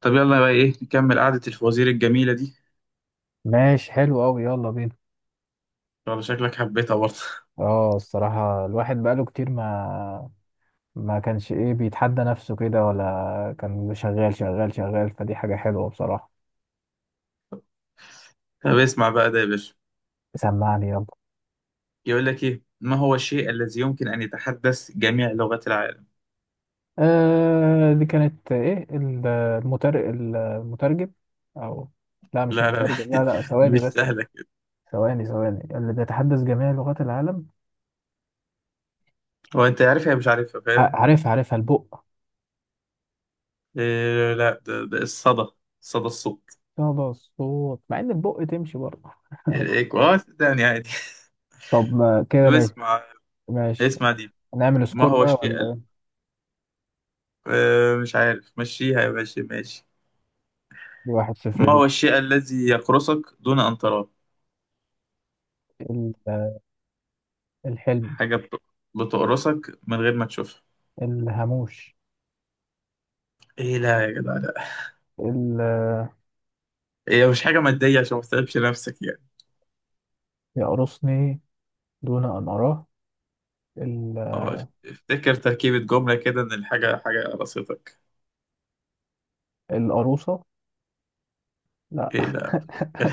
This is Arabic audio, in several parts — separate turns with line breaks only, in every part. طب يلا بقى ايه نكمل قعدة الفوازير الجميلة دي.
ماشي حلو قوي، يلا بينا.
والله شكلك حبيتها برضه.
اه الصراحة الواحد بقاله كتير ما كانش ايه بيتحدى نفسه كده، ولا كان شغال شغال شغال، فدي حاجة حلوة بصراحة.
طب اسمع بقى ده يا باشا.
سمعني يلا.
يقول لك ايه، ما هو الشيء الذي يمكن ان يتحدث جميع لغات العالم؟
آه، دي كانت ايه المترجم. او لا، مش
لا لا لا.
المترجم، لا لا، ثواني
مش
بس.
سهلة كده.
ثواني ثواني، اللي بيتحدث جميع لغات العالم.
هو انت عارفها مش عارفها
ع-
فاهم؟
عارفها عارفها البق.
إيه لا، ده الصدى. صدى الصوت.
صدى الصوت، مع ان البق تمشي برضه ماشي.
الايكو، صدقني عادي.
طب
طب
كده ماشي
اسمع.
ماشي.
اسمع دي.
نعمل
ما
سكور
هو
بقى
الشيء
ولا.
مش عارف مشيها يا باشا، ماشي.
1-0
ما هو
ليك.
الشيء الذي يقرصك دون ان تراه؟
ال- الحلم.
حاجة بتقرصك من غير ما تشوفها.
الهاموش.
ايه لا يا جدع لا.
ال-
هي مش حاجة مادية عشان ما تتعبش نفسك يعني.
يقرصني دون أن أراه. ال-
اه افتكر تركيبة جملة كده، ان الحاجة حاجة قراصتك.
القروصة لا
ايه لا.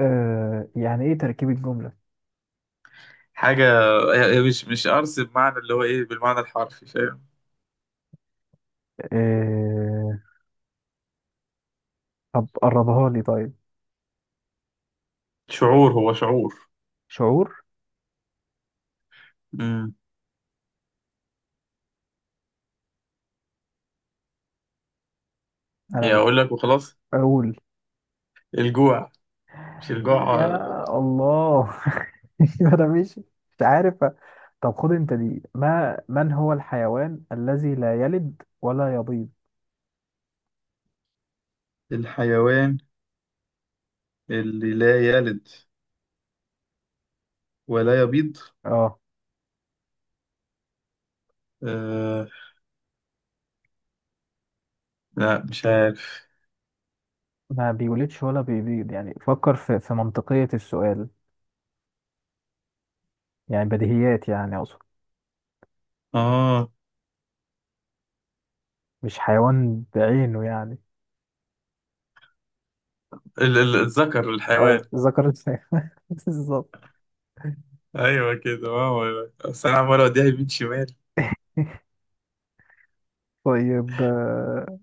آه، يعني إيه تركيب الجملة؟
حاجة هي مش قرص بمعنى اللي هو ايه، بالمعنى الحرفي فاهم؟
آه، طب قربها لي طيب.
شعور، هو شعور.
شعور.
امم هي
أنا
اقول لك وخلاص.
بقول.
الجوع. مش الجوع
يا الله أنا مش عارف. طب خد أنت دي. ما من هو الحيوان الذي لا يلد ولا يبيض؟
الحيوان اللي لا يلد ولا يبيض.
اه.
آه لا مش عارف.
ما بيولدش ولا بيبيض، يعني فكر في منطقية السؤال. يعني بديهيات، يعني أقصد
اه
مش حيوان بعينه يعني.
الذكر الحيوان.
آه، ذكر الفاعل. بالظبط.
ايوه كده، ما هو. بس انا عمال اوديها يمين شمال.
طيب.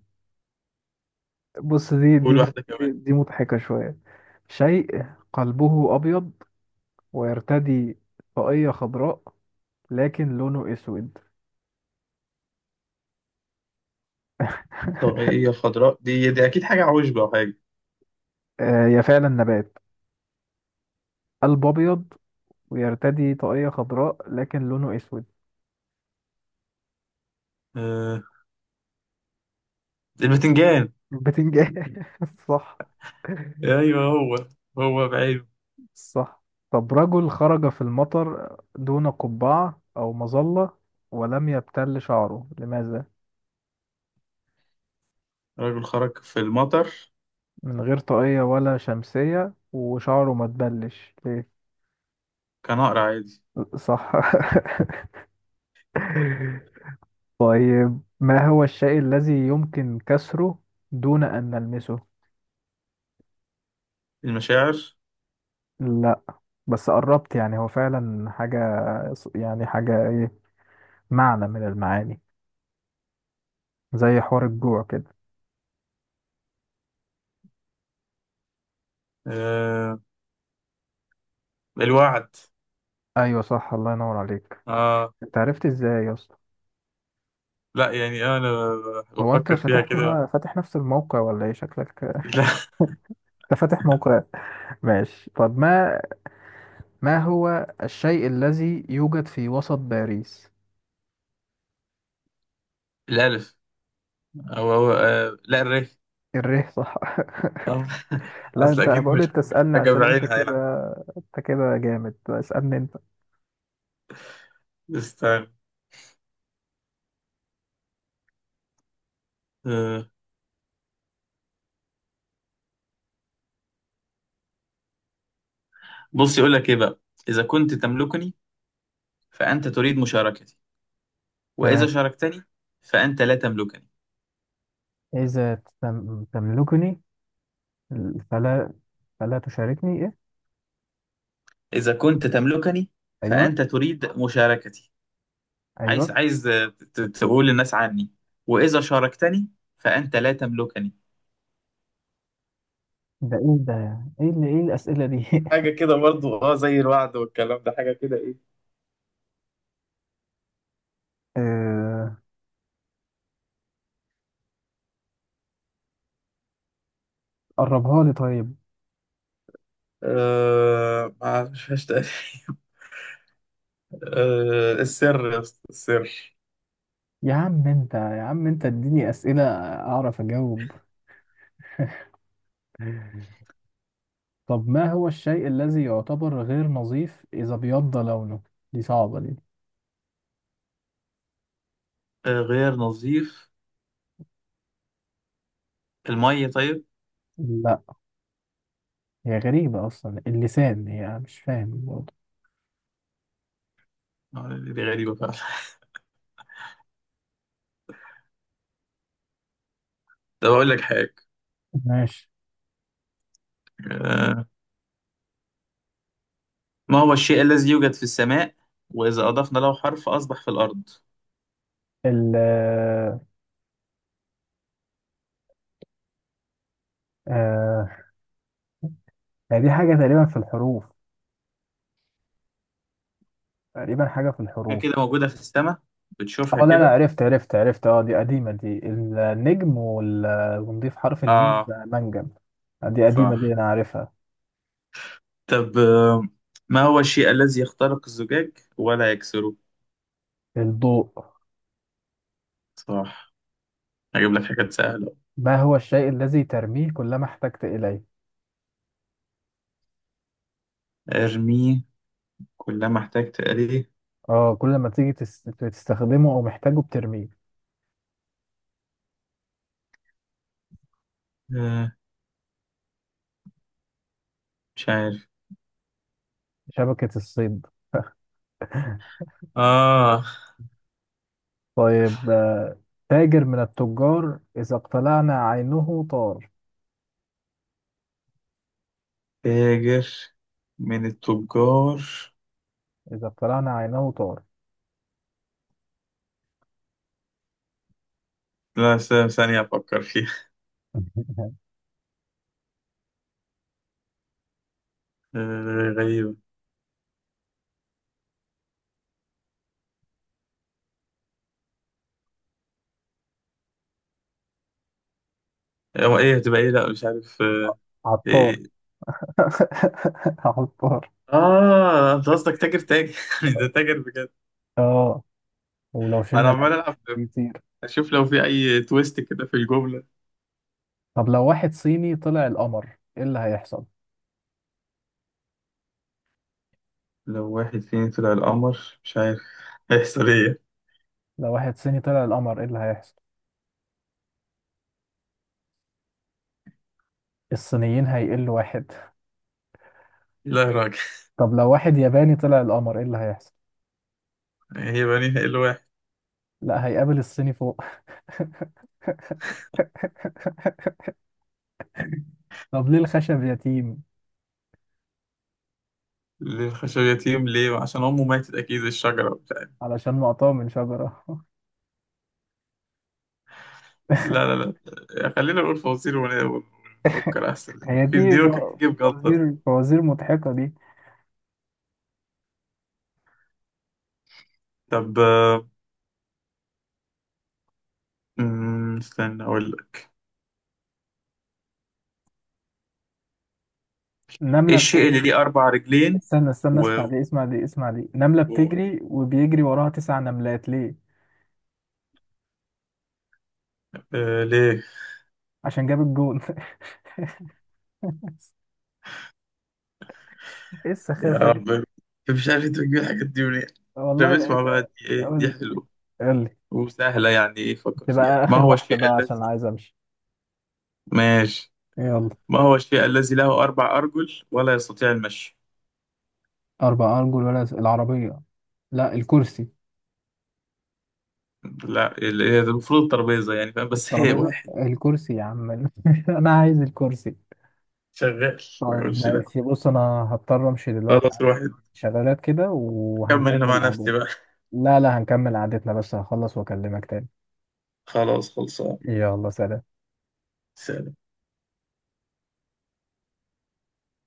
بص دي دي
قول
مض-
واحدة كمان.
دي دي مضحكة شوية. شيء قلبه أبيض، ويرتدي طاقية خضراء، لكن لونه أسود
طاقية خضراء دي أكيد حاجة عوشبة أو حاجة.
آه، هي فعلا نبات. قلب أبيض، ويرتدي طاقية خضراء، لكن لونه أسود.
آه، البتنجان.
بتنجان صح.
أيوه هو. هو بعيب.
صح. طب، رجل خرج في المطر دون قبعة أو مظلة، ولم يبتل شعره، لماذا؟
رجل خرج في المطر.
من غير طاقية ولا شمسية، وشعره ما تبلش ليه؟
كان أقرع عادي.
صح طيب، ما هو الشيء الذي يمكن كسره دون أن نلمسه؟
المشاعر.
لا، بس قربت. يعني هو فعلا حاجة، يعني حاجة إيه، معنى من المعاني، زي حوار الجوع كده.
آه، الوعد.
أيوة صح، الله ينور عليك.
آه،
أنت عرفت إزاي يا اسطى؟
لا يعني أنا
هو انت
بفكر فيها كده.
فاتح نفس الموقع ولا ايه شكلك
لا،
انت فاتح موقع. ماشي. طب ما هو الشيء الذي يوجد في وسط باريس.
الألف. أو هو، آه لا
الريح، صح
آه.
لا،
أصل
انت
أكيد
بقول،
مش
انت
مش
اسألني
حاجة
عشان انت
بعينها يعني.
كده. انت كده جامد، اسألني انت.
استنى. آه. بص، يقول لك إيه بقى. إذا كنت تملكني فأنت تريد مشاركتي، وإذا
تمام.
شاركتني فأنت لا تملكني.
إذا تملكني فلا فلا تشاركني، إيه؟
إذا كنت تملكني
أيوه،
فأنت تريد مشاركتي. عايز
أيوه.
عايز تقول للناس عني. وإذا شاركتني فأنت لا تملكني.
ده إيه ده؟ إيه الأسئلة دي
حاجة كده برضو، زي الوعد والكلام ده، حاجة كده ايه.
آه، قربها لي طيب.
آه، ما عرفش تقريبا. آه، السر يا اسطى، السر.
يا عم انت، يا عم انت، اديني اسئله اعرف اجاوب. طب ما هو الشيء الذي يعتبر غير نظيف اذا بيض لونه؟ دي صعبه دي.
آه، غير نظيف. المية طيب.
لا، هي غريبه اصلا اللسان، هي مش فاهم برضه.
آه، دي غريبة فعلا. طب أقول لك حاجة.
ماشي.
آه، ما هو الشيء الذي يوجد في السماء وإذا أضفنا له حرف أصبح في الأرض؟
ال آه هي دي حاجه تقريبا في الحروف، تقريبا حاجه في
حاجة
الحروف.
كده موجودة في السماء، بتشوفها
اه لا لا،
كده.
عرفت عرفت عرفت، اه دي قديمه، دي النجم ونضيف حرف الميم
آه
بقى منجم. دي قديمه دي،
صح.
انا عارفها.
طب، ما هو الشيء الذي يخترق الزجاج ولا يكسره؟
الضوء.
صح. هجيب لك حاجات سهلة.
ما هو الشيء الذي ترميه كلما احتجت إليه؟
ارميه كلما احتجت اليه.
اه، كل ما تيجي تستخدمه أو محتاجه بترميه.
آه، مش عارف.
شبكة الصيد
آه،
طيب. تاجر من التجار إذا اقتلعنا عينه طار.
تاجر من التجار.
إذا اقتلعنا عينه طار.
لا، ثانية أفكر فيها. آه غريبة. هو إيه هتبقى، إيه لا مش عارف آه.
عطار
إيه.
عطار.
آه، أنت قصدك تاجر تاجر. ده تاجر بجد.
اه، ولو
أنا
شلنا
عمال
العين
ألعب.
بيطير.
اشوف لو في اي تويست كده في الجملة.
طب لو واحد صيني طلع القمر، ايه اللي هيحصل؟
لو واحد فينا طلع القمر، مش عارف هيحصل ايه.
لو واحد صيني طلع القمر، ايه اللي هيحصل؟ الصينيين هيقلوا واحد.
لا يا راجل.
طب لو واحد ياباني طلع القمر، ايه اللي هيحصل؟
هيبقى نهائي الواحد.
لا، هيقابل الصيني فوق طب ليه الخشب يتيم؟
للخشب. ليه؟ عشان امه ماتت اكيد، الشجرة وبتاع.
علشان مقطوع من شجرة
لا لا لا. آه، خلينا نقول فوازير ونفكر احسن.
هي
في
دي
دي ممكن تجيب جلطة دي.
فوازير، فوازير مضحكة دي.
طب، استنى اقول لك. ايه
نملة
الشيء اللي
بتجري.
ليه اربع رجلين
استنى استنى، اسمع
و...
دي اسمع دي اسمع دي. نملة
و...
بتجري وبيجري وراها 9 نملات، ليه؟
آه ليه؟
عشان جاب الجون ايه
يا
السخافة دي؟
رب، مش عارف تجيب الحاجات دي منين. طب
والله لقيت.
اسمع بقى دي، ايه
قول،
دي، حلوة
قول لي.
وسهلة. يعني إيه، فكر فيها،
تبقى
ما
آخر
هو
واحدة
الشيء
بقى، عشان
الذي.
عايز أمشي.
ماشي.
يلا.
ما هو الشيء الذي له أربع أرجل ولا يستطيع المشي؟
4 أرجل ولا العربية. لا، الكرسي.
لا، هي المفروض الترابيزة يعني فاهم، بس هي
الترابيزة
واحد
الكرسي يا عم أنا عايز الكرسي.
شغال. ما
طيب
يقولش لا.
ماشي، بص انا هضطر امشي دلوقتي،
خلاص
عندي
الواحد.
شغالات كده
كمل أنا مع
وهنكمل قعدتنا.
نفسي بقى.
لا لا، هنكمل قعدتنا، بس هخلص واكلمك تاني.
خلاص خلصان.
يلا سلام.
سلام.